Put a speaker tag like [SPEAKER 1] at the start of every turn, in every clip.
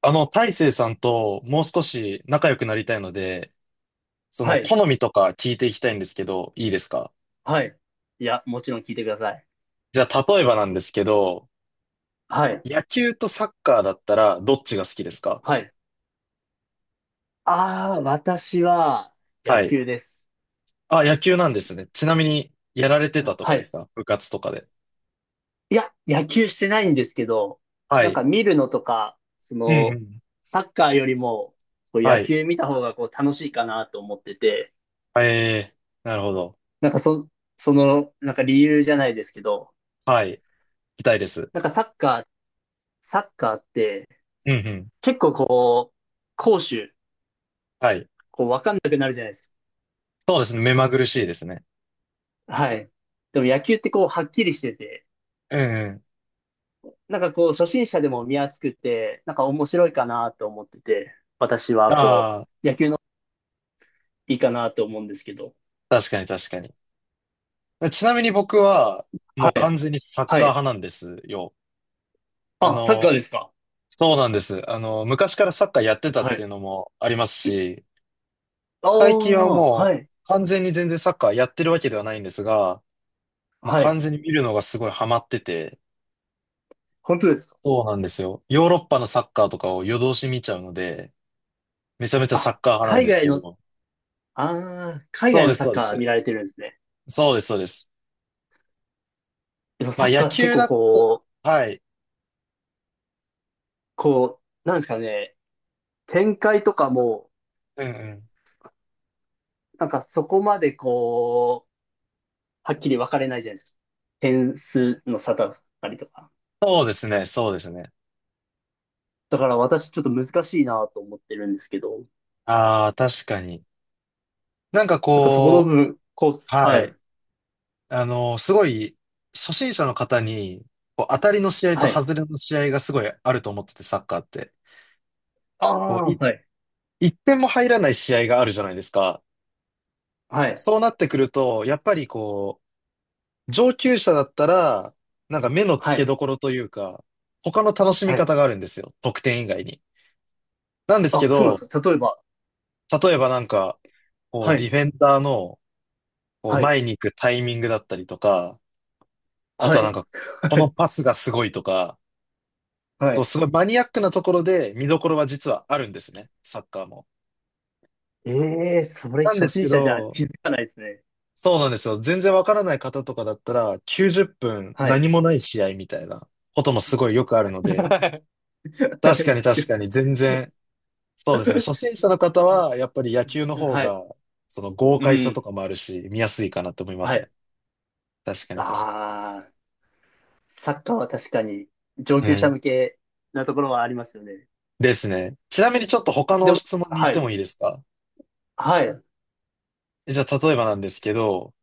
[SPEAKER 1] 大成さんともう少し仲良くなりたいので、そ
[SPEAKER 2] は
[SPEAKER 1] の
[SPEAKER 2] い。
[SPEAKER 1] 好みとか聞いていきたいんですけど、いいですか？
[SPEAKER 2] はい。いや、もちろん聞いてください。
[SPEAKER 1] じゃあ、例えばなんですけど、
[SPEAKER 2] はい。
[SPEAKER 1] 野球とサッカーだったらどっちが好きですか？
[SPEAKER 2] はい。ああ、私は野
[SPEAKER 1] はい。
[SPEAKER 2] 球です。
[SPEAKER 1] あ、野球なんですね。ちなみに、やられてたとか
[SPEAKER 2] は
[SPEAKER 1] です
[SPEAKER 2] い。
[SPEAKER 1] か？部活とかで。
[SPEAKER 2] いや、野球してないんですけど、
[SPEAKER 1] は
[SPEAKER 2] なん
[SPEAKER 1] い。
[SPEAKER 2] か見るのとか、そ
[SPEAKER 1] うんう
[SPEAKER 2] の、
[SPEAKER 1] ん。
[SPEAKER 2] サッカーよりも、こう
[SPEAKER 1] は
[SPEAKER 2] 野
[SPEAKER 1] い。
[SPEAKER 2] 球見た方がこう楽しいかなと思ってて、
[SPEAKER 1] ええ、なるほど。
[SPEAKER 2] なんかそ、その、なんか理由じゃないですけど、
[SPEAKER 1] はい。痛いです。
[SPEAKER 2] なんかサッカーって
[SPEAKER 1] うんうん。
[SPEAKER 2] 結構こう、攻守、
[SPEAKER 1] はい。
[SPEAKER 2] こうわかんなくなるじゃないです
[SPEAKER 1] そうですね。目まぐるしいですね。
[SPEAKER 2] か。はい。でも野球ってこうはっきりしてて、
[SPEAKER 1] うんうん。
[SPEAKER 2] なんかこう、初心者でも見やすくて、なんか面白いかなと思ってて、私はこ
[SPEAKER 1] ああ、
[SPEAKER 2] う、野球のいいかなと思うんですけど。
[SPEAKER 1] 確かに確かに。ちなみに僕は、も
[SPEAKER 2] は
[SPEAKER 1] う
[SPEAKER 2] い。
[SPEAKER 1] 完全にサッ
[SPEAKER 2] は
[SPEAKER 1] カー
[SPEAKER 2] い。
[SPEAKER 1] 派なんですよ。あ
[SPEAKER 2] あ、サッカ
[SPEAKER 1] の、
[SPEAKER 2] ーですか？
[SPEAKER 1] そうなんです。昔からサッカーやってたっ
[SPEAKER 2] は
[SPEAKER 1] てい
[SPEAKER 2] い。
[SPEAKER 1] うのもありますし、
[SPEAKER 2] あ
[SPEAKER 1] 最近は
[SPEAKER 2] あ、は
[SPEAKER 1] も
[SPEAKER 2] い。
[SPEAKER 1] う完全に全然サッカーやってるわけではないんですが、もう
[SPEAKER 2] はい。
[SPEAKER 1] 完全に見るのがすごいハマってて、
[SPEAKER 2] 本当ですか？
[SPEAKER 1] そうなんですよ。ヨーロッパのサッカーとかを夜通し見ちゃうので、めちゃめちゃサッ
[SPEAKER 2] あ、
[SPEAKER 1] カー派なん
[SPEAKER 2] 海
[SPEAKER 1] です
[SPEAKER 2] 外
[SPEAKER 1] け
[SPEAKER 2] の、
[SPEAKER 1] ど、
[SPEAKER 2] ああ、海
[SPEAKER 1] そう
[SPEAKER 2] 外
[SPEAKER 1] で
[SPEAKER 2] の
[SPEAKER 1] す、
[SPEAKER 2] サッ
[SPEAKER 1] そうで
[SPEAKER 2] カ
[SPEAKER 1] す。
[SPEAKER 2] ー見られてるんですね。
[SPEAKER 1] そうです、そうです。
[SPEAKER 2] でも
[SPEAKER 1] ま
[SPEAKER 2] サ
[SPEAKER 1] あ
[SPEAKER 2] ッ
[SPEAKER 1] 野
[SPEAKER 2] カーって結
[SPEAKER 1] 球だ
[SPEAKER 2] 構
[SPEAKER 1] っ
[SPEAKER 2] こう、
[SPEAKER 1] た、はい。
[SPEAKER 2] こう、なんですかね、展開とかも、
[SPEAKER 1] うんうん。
[SPEAKER 2] なんかそこまでこう、はっきり分かれないじゃないですか。点数の差だったりとか。
[SPEAKER 1] そうですね、そうですね。
[SPEAKER 2] だから私ちょっと難しいなと思ってるんですけど。
[SPEAKER 1] ああ、確かに。なんか
[SPEAKER 2] なんかそこの
[SPEAKER 1] こ
[SPEAKER 2] 部分、コース。
[SPEAKER 1] は
[SPEAKER 2] はい。
[SPEAKER 1] い。すごい、初心者の方に、こう、当たりの試合と
[SPEAKER 2] はい。
[SPEAKER 1] 外れの試合がすごいあると思ってて、サッカーって。
[SPEAKER 2] あ
[SPEAKER 1] こう、
[SPEAKER 2] あ、
[SPEAKER 1] い、
[SPEAKER 2] はい。
[SPEAKER 1] 一点も入らない試合があるじゃないですか。
[SPEAKER 2] はい。
[SPEAKER 1] そうなってくると、やっぱりこう、上級者だったら、なんか目の
[SPEAKER 2] は
[SPEAKER 1] 付け
[SPEAKER 2] い。
[SPEAKER 1] どころというか、他の楽しみ
[SPEAKER 2] はい。
[SPEAKER 1] 方があるんですよ。得点以外に。なんです
[SPEAKER 2] あ、
[SPEAKER 1] け
[SPEAKER 2] そうなんで
[SPEAKER 1] ど、
[SPEAKER 2] すか。例えば。
[SPEAKER 1] 例えばなんか、こう、
[SPEAKER 2] は
[SPEAKER 1] デ
[SPEAKER 2] い。
[SPEAKER 1] ィフェンダーの、こう、
[SPEAKER 2] はい。
[SPEAKER 1] 前に行くタイミングだったりとか、あと
[SPEAKER 2] は
[SPEAKER 1] は
[SPEAKER 2] い。
[SPEAKER 1] なんか、こ
[SPEAKER 2] は
[SPEAKER 1] の
[SPEAKER 2] い。
[SPEAKER 1] パスがすごいとか、
[SPEAKER 2] は
[SPEAKER 1] こう
[SPEAKER 2] い。
[SPEAKER 1] すごいマニアックなところで見どころは実はあるんですね、サッカーも。
[SPEAKER 2] ええー、それ
[SPEAKER 1] なんで
[SPEAKER 2] 初
[SPEAKER 1] す
[SPEAKER 2] 心
[SPEAKER 1] け
[SPEAKER 2] 者じゃ
[SPEAKER 1] ど、
[SPEAKER 2] 気づかないですね。
[SPEAKER 1] そうなんですよ。全然わからない方とかだったら、90分
[SPEAKER 2] はい。
[SPEAKER 1] 何もない試合みたいなこともすごいよくある ので、
[SPEAKER 2] は
[SPEAKER 1] 確かに確
[SPEAKER 2] い
[SPEAKER 1] かに全然、そうですね。初心者の方は、やっぱり野球の方
[SPEAKER 2] はい。
[SPEAKER 1] が、その豪
[SPEAKER 2] う
[SPEAKER 1] 快さと
[SPEAKER 2] ん。
[SPEAKER 1] かもあるし、見やすいかなと思いま
[SPEAKER 2] は
[SPEAKER 1] すね。
[SPEAKER 2] い。
[SPEAKER 1] 確かに確
[SPEAKER 2] ああ、サッカーは確かに上
[SPEAKER 1] かに。
[SPEAKER 2] 級
[SPEAKER 1] う
[SPEAKER 2] 者
[SPEAKER 1] ん。
[SPEAKER 2] 向けなところはありますよね。
[SPEAKER 1] ですね。ちなみにちょっと他
[SPEAKER 2] で
[SPEAKER 1] の
[SPEAKER 2] も、
[SPEAKER 1] 質問に行っ
[SPEAKER 2] は
[SPEAKER 1] て
[SPEAKER 2] い。
[SPEAKER 1] もいいですか？
[SPEAKER 2] はい。
[SPEAKER 1] じゃあ、例えばなんですけど、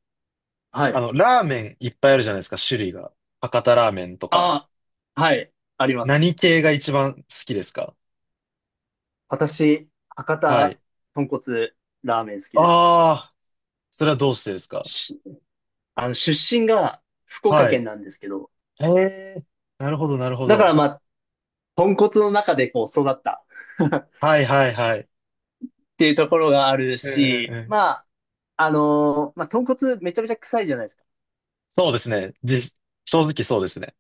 [SPEAKER 2] はい。
[SPEAKER 1] ラーメンいっぱいあるじゃないですか、種類が。博多ラーメンとか。
[SPEAKER 2] ああ、はい。あります。
[SPEAKER 1] 何系が一番好きですか？
[SPEAKER 2] 私、博
[SPEAKER 1] は
[SPEAKER 2] 多
[SPEAKER 1] い。
[SPEAKER 2] 豚骨ラーメン好きです。
[SPEAKER 1] ああ、それはどうしてですか？
[SPEAKER 2] し、あの、出身が福岡
[SPEAKER 1] はい。
[SPEAKER 2] 県なんですけど、
[SPEAKER 1] へえ、なるほど、なるほ
[SPEAKER 2] だから
[SPEAKER 1] ど。
[SPEAKER 2] まあ、豚骨の中でこう育った っ
[SPEAKER 1] はい、はい、はい。
[SPEAKER 2] ていうところがある
[SPEAKER 1] うんうん
[SPEAKER 2] し、
[SPEAKER 1] うん。
[SPEAKER 2] まあ、まあ、豚骨めちゃめちゃ臭いじゃないですか。
[SPEAKER 1] そうですね。で、正直そうですね。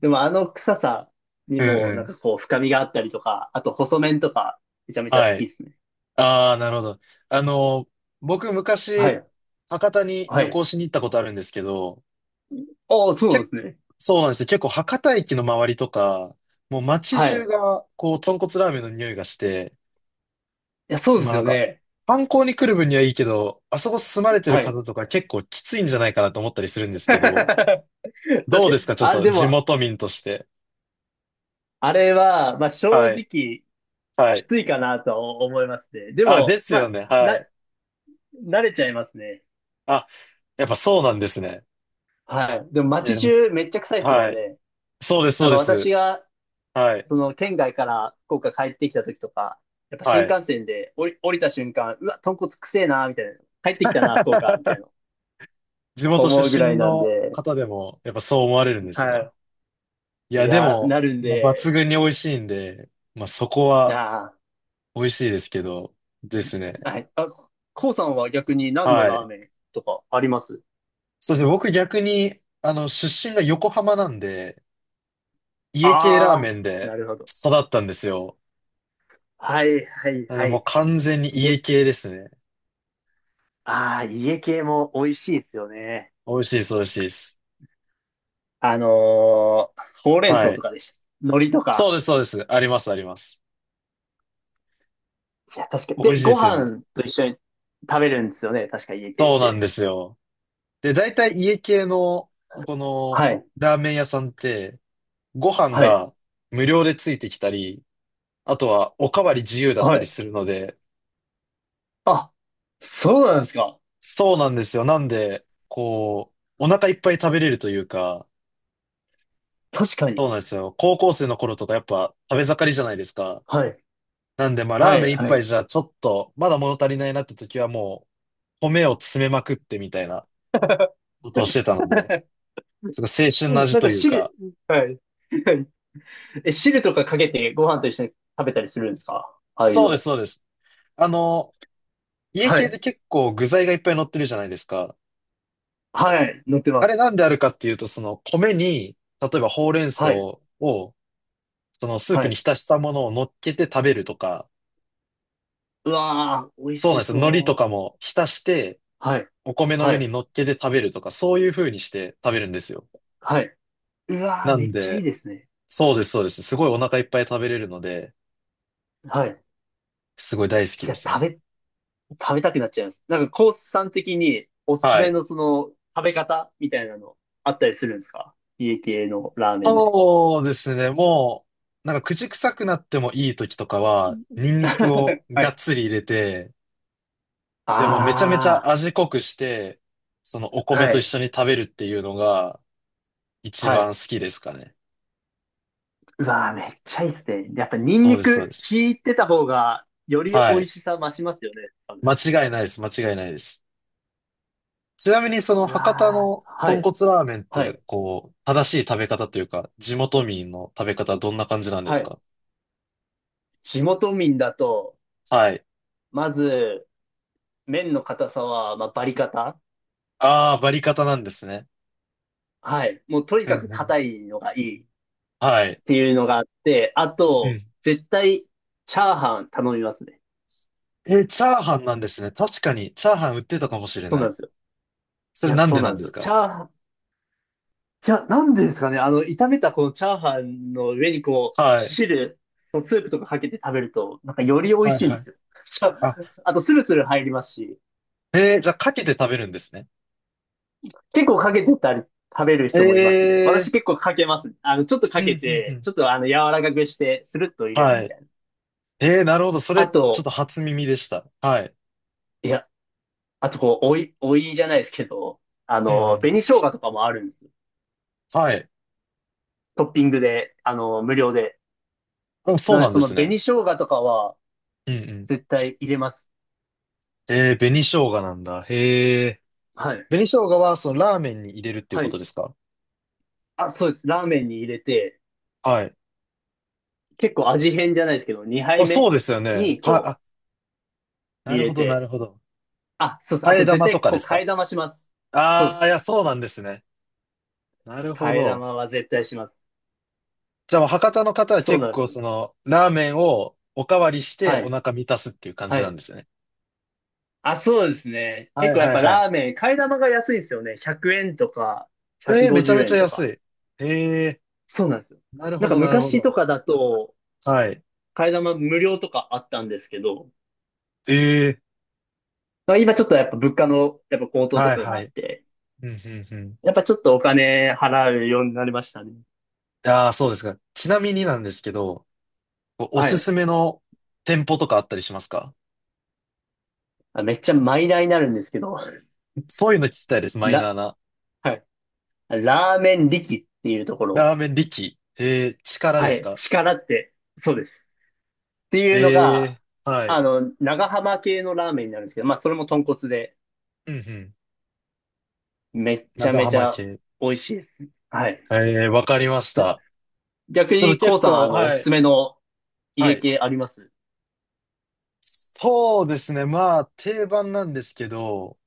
[SPEAKER 2] でもあの臭さに
[SPEAKER 1] うん
[SPEAKER 2] も
[SPEAKER 1] う
[SPEAKER 2] なん
[SPEAKER 1] ん。
[SPEAKER 2] かこう深みがあったりとか、あと細麺とかめちゃめちゃ好
[SPEAKER 1] は
[SPEAKER 2] きで
[SPEAKER 1] い。
[SPEAKER 2] すね。
[SPEAKER 1] ああ、なるほど。あの、僕
[SPEAKER 2] は
[SPEAKER 1] 昔、
[SPEAKER 2] い。
[SPEAKER 1] 博多に
[SPEAKER 2] は
[SPEAKER 1] 旅
[SPEAKER 2] い。
[SPEAKER 1] 行しに行ったことあるんですけど、
[SPEAKER 2] ああ、そうなん
[SPEAKER 1] け
[SPEAKER 2] ですね。
[SPEAKER 1] そうなんですよ。結構博多駅の周りとか、もう街
[SPEAKER 2] はい。
[SPEAKER 1] 中
[SPEAKER 2] い
[SPEAKER 1] が、こう、豚骨ラーメンの匂いがして、
[SPEAKER 2] や、そうで
[SPEAKER 1] まあ
[SPEAKER 2] す
[SPEAKER 1] なん
[SPEAKER 2] よ
[SPEAKER 1] か、
[SPEAKER 2] ね。
[SPEAKER 1] 観光に来る分にはいいけど、あそこ住まれてる
[SPEAKER 2] はい。
[SPEAKER 1] 方とか結構きついんじゃないかなと思ったりするんで すけ
[SPEAKER 2] 確
[SPEAKER 1] ど、
[SPEAKER 2] か
[SPEAKER 1] どう
[SPEAKER 2] に。
[SPEAKER 1] ですか？ちょっ
[SPEAKER 2] あれ、
[SPEAKER 1] と
[SPEAKER 2] で
[SPEAKER 1] 地
[SPEAKER 2] も、
[SPEAKER 1] 元民として。
[SPEAKER 2] あれは、まあ、正
[SPEAKER 1] はい。
[SPEAKER 2] 直、
[SPEAKER 1] は
[SPEAKER 2] き
[SPEAKER 1] い。
[SPEAKER 2] ついかなとは思いますね。で
[SPEAKER 1] あ、で
[SPEAKER 2] も、
[SPEAKER 1] す
[SPEAKER 2] ま
[SPEAKER 1] よ
[SPEAKER 2] あ、
[SPEAKER 1] ね。
[SPEAKER 2] な、
[SPEAKER 1] はい。
[SPEAKER 2] 慣れちゃいますね。
[SPEAKER 1] あ、やっぱそうなんですね。
[SPEAKER 2] はい。でも、
[SPEAKER 1] いや、
[SPEAKER 2] 街
[SPEAKER 1] でも、
[SPEAKER 2] 中めっちゃ臭いですも
[SPEAKER 1] は
[SPEAKER 2] ん
[SPEAKER 1] い。
[SPEAKER 2] ね。
[SPEAKER 1] そうです、
[SPEAKER 2] な
[SPEAKER 1] そ
[SPEAKER 2] ん
[SPEAKER 1] う
[SPEAKER 2] か
[SPEAKER 1] で
[SPEAKER 2] 私
[SPEAKER 1] す。
[SPEAKER 2] が、
[SPEAKER 1] はい。
[SPEAKER 2] その、県外から福岡帰ってきた時とか、やっぱ新
[SPEAKER 1] はい。
[SPEAKER 2] 幹線で降りた瞬間、うわ、豚骨くせえな、みたいな。帰ってきたな、福岡、みたいな。
[SPEAKER 1] 地元
[SPEAKER 2] 思うぐ
[SPEAKER 1] 出
[SPEAKER 2] らい
[SPEAKER 1] 身
[SPEAKER 2] なん
[SPEAKER 1] の
[SPEAKER 2] で、
[SPEAKER 1] 方でも、やっぱそう思われるんですね。
[SPEAKER 2] は
[SPEAKER 1] い
[SPEAKER 2] い。い
[SPEAKER 1] や、で
[SPEAKER 2] や、
[SPEAKER 1] も、
[SPEAKER 2] なるん
[SPEAKER 1] まあ、抜
[SPEAKER 2] で、
[SPEAKER 1] 群に美味しいんで、まあ、そこ
[SPEAKER 2] い
[SPEAKER 1] は
[SPEAKER 2] や
[SPEAKER 1] 美味しいですけど、で
[SPEAKER 2] ー、
[SPEAKER 1] すね。
[SPEAKER 2] はい。あ、こうさんは逆に何の
[SPEAKER 1] は
[SPEAKER 2] ラー
[SPEAKER 1] い。
[SPEAKER 2] メンとかあります？
[SPEAKER 1] そして僕逆に、出身が横浜なんで、家系ラー
[SPEAKER 2] あ
[SPEAKER 1] メ
[SPEAKER 2] あ
[SPEAKER 1] ン
[SPEAKER 2] ー、
[SPEAKER 1] で
[SPEAKER 2] なるほど。
[SPEAKER 1] 育ったんですよ。
[SPEAKER 2] はいはい
[SPEAKER 1] なので
[SPEAKER 2] は
[SPEAKER 1] もう
[SPEAKER 2] い。
[SPEAKER 1] 完全に家
[SPEAKER 2] 家、
[SPEAKER 1] 系ですね。
[SPEAKER 2] ああ、家系も美味しいですよね。
[SPEAKER 1] 美味しいです、美味しいです。
[SPEAKER 2] あのほうれん草
[SPEAKER 1] は
[SPEAKER 2] と
[SPEAKER 1] い。
[SPEAKER 2] か海苔と
[SPEAKER 1] そう
[SPEAKER 2] か。
[SPEAKER 1] です、そうです。あります、あります。
[SPEAKER 2] いや、確かに。
[SPEAKER 1] 美味
[SPEAKER 2] で、
[SPEAKER 1] しいで
[SPEAKER 2] ご
[SPEAKER 1] すよね。
[SPEAKER 2] 飯と一緒に食べるんですよね。確か家系っ
[SPEAKER 1] そうなん
[SPEAKER 2] て。
[SPEAKER 1] ですよ。で、大体家系の、この、
[SPEAKER 2] はい。
[SPEAKER 1] ラーメン屋さんって、ご飯
[SPEAKER 2] はい。
[SPEAKER 1] が無料でついてきたり、あとは、おかわり自由だっ
[SPEAKER 2] は
[SPEAKER 1] たり
[SPEAKER 2] い。
[SPEAKER 1] するので、
[SPEAKER 2] あ、そうなんですか。
[SPEAKER 1] そうなんですよ。なんで、こう、お腹いっぱい食べれるというか、
[SPEAKER 2] 確か
[SPEAKER 1] そう
[SPEAKER 2] に。
[SPEAKER 1] なんですよ。高校生の頃とかやっぱ食べ盛りじゃないですか。
[SPEAKER 2] はい。
[SPEAKER 1] なんで、まあ、ラ
[SPEAKER 2] は
[SPEAKER 1] ーメ
[SPEAKER 2] い。
[SPEAKER 1] ン一
[SPEAKER 2] は
[SPEAKER 1] 杯
[SPEAKER 2] い。
[SPEAKER 1] じゃちょっと、まだ物足りないなって時はもう、米を詰めまくってみたいなことをしてたので、すごい青春の
[SPEAKER 2] うん
[SPEAKER 1] 味
[SPEAKER 2] なん
[SPEAKER 1] と
[SPEAKER 2] か
[SPEAKER 1] いう
[SPEAKER 2] 汁、
[SPEAKER 1] か、
[SPEAKER 2] はい。はい。 え、汁とかかけてご飯と一緒に食べたりするんですか？ああいう
[SPEAKER 1] そうです、
[SPEAKER 2] の。
[SPEAKER 1] そうです。あの、家
[SPEAKER 2] は
[SPEAKER 1] 系
[SPEAKER 2] い。
[SPEAKER 1] で結構具材がいっぱい乗ってるじゃないですか。
[SPEAKER 2] はい。乗ってま
[SPEAKER 1] あれ
[SPEAKER 2] す。
[SPEAKER 1] なんであるかっていうと、その米に、例えばほうれん草
[SPEAKER 2] はい。
[SPEAKER 1] をそのスー
[SPEAKER 2] は
[SPEAKER 1] プに
[SPEAKER 2] い。
[SPEAKER 1] 浸したものを乗っけて食べるとか、
[SPEAKER 2] うわー、美味
[SPEAKER 1] そうなん
[SPEAKER 2] し
[SPEAKER 1] ですよ。海苔とか
[SPEAKER 2] そ
[SPEAKER 1] も浸して、
[SPEAKER 2] う。はい。
[SPEAKER 1] お米の
[SPEAKER 2] は
[SPEAKER 1] 上に
[SPEAKER 2] い。
[SPEAKER 1] 乗っけて食べるとか、そういう風にして食べるんですよ。
[SPEAKER 2] はい。うわー、
[SPEAKER 1] な
[SPEAKER 2] め
[SPEAKER 1] ん
[SPEAKER 2] っちゃいい
[SPEAKER 1] で、
[SPEAKER 2] ですね。
[SPEAKER 1] そうです、そうです。すごいお腹いっぱい食べれるので、
[SPEAKER 2] はい。い
[SPEAKER 1] すごい大好きで
[SPEAKER 2] や、
[SPEAKER 1] す
[SPEAKER 2] 食
[SPEAKER 1] ね。
[SPEAKER 2] べ、食べたくなっちゃいます。なんか、コースさん的におすす
[SPEAKER 1] は
[SPEAKER 2] め
[SPEAKER 1] い。
[SPEAKER 2] のその、食べ方みたいなのあったりするんですか？家系のラーメンで。
[SPEAKER 1] そうですね。もう、なんか口臭くなってもいい時とかは、ニンニクを
[SPEAKER 2] は
[SPEAKER 1] がっ
[SPEAKER 2] い。
[SPEAKER 1] つり入れて、でもめちゃめちゃ
[SPEAKER 2] あ
[SPEAKER 1] 味濃くして、そのお
[SPEAKER 2] あ、
[SPEAKER 1] 米
[SPEAKER 2] は
[SPEAKER 1] と一
[SPEAKER 2] い。
[SPEAKER 1] 緒に食べるっていうのが一
[SPEAKER 2] は
[SPEAKER 1] 番
[SPEAKER 2] い。
[SPEAKER 1] 好きですかね。
[SPEAKER 2] うわー、めっちゃいいですね。やっぱニン
[SPEAKER 1] そう
[SPEAKER 2] ニ
[SPEAKER 1] です、そう
[SPEAKER 2] ク
[SPEAKER 1] です。
[SPEAKER 2] 効いてた方が、より美
[SPEAKER 1] は
[SPEAKER 2] 味
[SPEAKER 1] い。
[SPEAKER 2] しさ増しますよね。多分。
[SPEAKER 1] 間違いないです。間違いないです。ちなみにその
[SPEAKER 2] う
[SPEAKER 1] 博多
[SPEAKER 2] わ
[SPEAKER 1] の
[SPEAKER 2] ー、は
[SPEAKER 1] 豚
[SPEAKER 2] い。
[SPEAKER 1] 骨ラーメンっ
[SPEAKER 2] は
[SPEAKER 1] て、
[SPEAKER 2] い。
[SPEAKER 1] こう、正しい食べ方というか、地元民の食べ方はどんな感じなんで
[SPEAKER 2] は
[SPEAKER 1] す
[SPEAKER 2] い。
[SPEAKER 1] か？
[SPEAKER 2] 地元民だと、
[SPEAKER 1] はい。
[SPEAKER 2] まず、麺の硬さは、まあ、バリ硬。
[SPEAKER 1] ああ、バリカタなんですね。
[SPEAKER 2] はい。もうとに
[SPEAKER 1] う
[SPEAKER 2] かく
[SPEAKER 1] んうん。
[SPEAKER 2] 硬いのがいいっ
[SPEAKER 1] はい。
[SPEAKER 2] ていうのがあって、あ
[SPEAKER 1] う
[SPEAKER 2] と、
[SPEAKER 1] ん。
[SPEAKER 2] 絶対、チャーハン頼みますね。
[SPEAKER 1] え、チャーハンなんですね。確かに、チャーハン売ってたかもしれ
[SPEAKER 2] そう
[SPEAKER 1] な
[SPEAKER 2] なん
[SPEAKER 1] い。
[SPEAKER 2] ですよ。
[SPEAKER 1] そ
[SPEAKER 2] い
[SPEAKER 1] れ
[SPEAKER 2] や、
[SPEAKER 1] なん
[SPEAKER 2] そ
[SPEAKER 1] で
[SPEAKER 2] うな
[SPEAKER 1] な
[SPEAKER 2] ん
[SPEAKER 1] ん
[SPEAKER 2] で
[SPEAKER 1] で
[SPEAKER 2] す
[SPEAKER 1] す
[SPEAKER 2] よ。チ
[SPEAKER 1] か？
[SPEAKER 2] ャーハン、いや、なんでですかね。あの、炒めたこのチャーハンの上にこう、
[SPEAKER 1] はい。
[SPEAKER 2] スープとかかけて食べると、なんかより美味
[SPEAKER 1] はい
[SPEAKER 2] しいん
[SPEAKER 1] は
[SPEAKER 2] で
[SPEAKER 1] い。
[SPEAKER 2] すよ。しか
[SPEAKER 1] あ、
[SPEAKER 2] あと、スルスル入りますし、
[SPEAKER 1] えー、じゃあ、かけて食べるんですね。
[SPEAKER 2] 結構かけてたり、食べる人もいますね。
[SPEAKER 1] え
[SPEAKER 2] 私結構かけますね。あの、ちょっと
[SPEAKER 1] ー、
[SPEAKER 2] か
[SPEAKER 1] うん
[SPEAKER 2] け
[SPEAKER 1] うんう
[SPEAKER 2] て、
[SPEAKER 1] ん。
[SPEAKER 2] ちょっとあの、柔らかくして、スルッと入れる
[SPEAKER 1] は
[SPEAKER 2] み
[SPEAKER 1] い。
[SPEAKER 2] たいな。
[SPEAKER 1] えー、なるほど。そ
[SPEAKER 2] あ
[SPEAKER 1] れ、ちょっ
[SPEAKER 2] と、
[SPEAKER 1] と初耳でした。はい。
[SPEAKER 2] いや、あとこう、おいじゃないですけど、あ
[SPEAKER 1] うんう
[SPEAKER 2] の、
[SPEAKER 1] ん。
[SPEAKER 2] 紅生姜とかもあるんですよ。
[SPEAKER 1] はい。
[SPEAKER 2] トッピングで、あの、無料で。
[SPEAKER 1] あ、そ
[SPEAKER 2] な
[SPEAKER 1] う
[SPEAKER 2] ので、
[SPEAKER 1] なん
[SPEAKER 2] そ
[SPEAKER 1] で
[SPEAKER 2] の
[SPEAKER 1] すね。
[SPEAKER 2] 紅生姜とかは
[SPEAKER 1] うんうん。
[SPEAKER 2] 絶対入れます。
[SPEAKER 1] えー、紅生姜なんだ。へえ。
[SPEAKER 2] はい。
[SPEAKER 1] 紅生姜は、そのラーメンに入れるっていう
[SPEAKER 2] は
[SPEAKER 1] こと
[SPEAKER 2] い。
[SPEAKER 1] ですか？
[SPEAKER 2] あ、そうです。ラーメンに入れて、
[SPEAKER 1] はい。
[SPEAKER 2] 結構味変じゃないですけど、2杯
[SPEAKER 1] あ、そ
[SPEAKER 2] 目
[SPEAKER 1] うですよね。
[SPEAKER 2] に
[SPEAKER 1] はい、
[SPEAKER 2] こう、
[SPEAKER 1] あ、な
[SPEAKER 2] 入
[SPEAKER 1] る
[SPEAKER 2] れ
[SPEAKER 1] ほど、なる
[SPEAKER 2] て。
[SPEAKER 1] ほど。
[SPEAKER 2] あ、そうです。
[SPEAKER 1] 替
[SPEAKER 2] あ
[SPEAKER 1] え
[SPEAKER 2] と絶
[SPEAKER 1] 玉と
[SPEAKER 2] 対
[SPEAKER 1] か
[SPEAKER 2] こ
[SPEAKER 1] で
[SPEAKER 2] う、
[SPEAKER 1] す
[SPEAKER 2] 替
[SPEAKER 1] か？
[SPEAKER 2] え玉します。そうで
[SPEAKER 1] ああー、い
[SPEAKER 2] す。
[SPEAKER 1] や、そうなんですね。なるほ
[SPEAKER 2] 替え
[SPEAKER 1] ど。
[SPEAKER 2] 玉は絶対します。
[SPEAKER 1] じゃあ、博多の方は
[SPEAKER 2] そう
[SPEAKER 1] 結
[SPEAKER 2] なんで
[SPEAKER 1] 構、
[SPEAKER 2] す。
[SPEAKER 1] その、ラーメンをおかわりして
[SPEAKER 2] は
[SPEAKER 1] お
[SPEAKER 2] い。
[SPEAKER 1] 腹満たすっていう感じ
[SPEAKER 2] は
[SPEAKER 1] な
[SPEAKER 2] い。
[SPEAKER 1] んですね。
[SPEAKER 2] あ、そうですね。
[SPEAKER 1] は
[SPEAKER 2] 結
[SPEAKER 1] い
[SPEAKER 2] 構やっ
[SPEAKER 1] はい
[SPEAKER 2] ぱ
[SPEAKER 1] はい。
[SPEAKER 2] ラーメン、替え玉が安いんですよね。100円とか、
[SPEAKER 1] えー、めちゃ
[SPEAKER 2] 150
[SPEAKER 1] めちゃ
[SPEAKER 2] 円と
[SPEAKER 1] 安
[SPEAKER 2] か。
[SPEAKER 1] い。ええ、
[SPEAKER 2] そうなんですよ。
[SPEAKER 1] なる
[SPEAKER 2] なん
[SPEAKER 1] ほ
[SPEAKER 2] か
[SPEAKER 1] ど、なるほ
[SPEAKER 2] 昔と
[SPEAKER 1] ど。
[SPEAKER 2] かだと、
[SPEAKER 1] はい。
[SPEAKER 2] 替え玉無料とかあったんですけど、
[SPEAKER 1] ええ、
[SPEAKER 2] まあ今ちょっとやっぱ物価のやっぱ高騰と
[SPEAKER 1] はい
[SPEAKER 2] かが
[SPEAKER 1] は
[SPEAKER 2] あっ
[SPEAKER 1] い。
[SPEAKER 2] て、
[SPEAKER 1] うんうんうん。
[SPEAKER 2] やっぱちょっとお金払うようになりましたね。
[SPEAKER 1] ああ、そうですか。ちなみになんですけど、こうお
[SPEAKER 2] は
[SPEAKER 1] す
[SPEAKER 2] い。
[SPEAKER 1] すめの店舗とかあったりしますか？
[SPEAKER 2] あ、めっちゃマイナーになるんですけど、
[SPEAKER 1] そういうの聞きたいです、マイナー
[SPEAKER 2] ラ、
[SPEAKER 1] な。
[SPEAKER 2] はい。ラーメン力っていうところ、
[SPEAKER 1] ラーメン力。えー、力で
[SPEAKER 2] は
[SPEAKER 1] す
[SPEAKER 2] い。
[SPEAKER 1] か？
[SPEAKER 2] 力って、そうです。っていうのが、
[SPEAKER 1] えー、はい。
[SPEAKER 2] あの、長浜系のラーメンになるんですけど、まあそれも豚骨で、
[SPEAKER 1] うんうん。
[SPEAKER 2] めっちゃ
[SPEAKER 1] 長
[SPEAKER 2] めち
[SPEAKER 1] 浜
[SPEAKER 2] ゃ
[SPEAKER 1] 系。
[SPEAKER 2] 美味しいです。はい。
[SPEAKER 1] えー、わかりました。
[SPEAKER 2] 逆
[SPEAKER 1] ちょっと
[SPEAKER 2] に、こ
[SPEAKER 1] 結
[SPEAKER 2] うさ
[SPEAKER 1] 構、
[SPEAKER 2] ん、あの、お
[SPEAKER 1] は
[SPEAKER 2] すす
[SPEAKER 1] い、
[SPEAKER 2] めの
[SPEAKER 1] は
[SPEAKER 2] 家
[SPEAKER 1] い。
[SPEAKER 2] 系あります？
[SPEAKER 1] そうですね。まあ、定番なんですけど、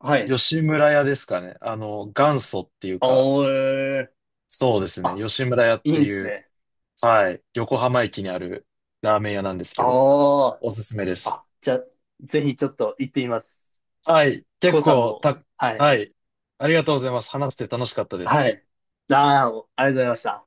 [SPEAKER 2] はい。
[SPEAKER 1] 吉村屋ですかね。元祖っていう
[SPEAKER 2] あ
[SPEAKER 1] か、
[SPEAKER 2] ー、えー
[SPEAKER 1] そうですね。
[SPEAKER 2] あ、
[SPEAKER 1] 吉村屋っ
[SPEAKER 2] いい
[SPEAKER 1] て
[SPEAKER 2] んで
[SPEAKER 1] い
[SPEAKER 2] す
[SPEAKER 1] う、
[SPEAKER 2] ね。
[SPEAKER 1] はい、横浜駅にあるラーメン屋なんですけど、
[SPEAKER 2] あ
[SPEAKER 1] おすすめで
[SPEAKER 2] あ、
[SPEAKER 1] す。
[SPEAKER 2] あ、じゃあ、ぜひちょっと行ってみます。
[SPEAKER 1] はい。結
[SPEAKER 2] こうさん
[SPEAKER 1] 構
[SPEAKER 2] も、
[SPEAKER 1] た、
[SPEAKER 2] はい。
[SPEAKER 1] はい。ありがとうございます。話して楽しかったで
[SPEAKER 2] は
[SPEAKER 1] す。
[SPEAKER 2] い。ああ、ありがとうございました。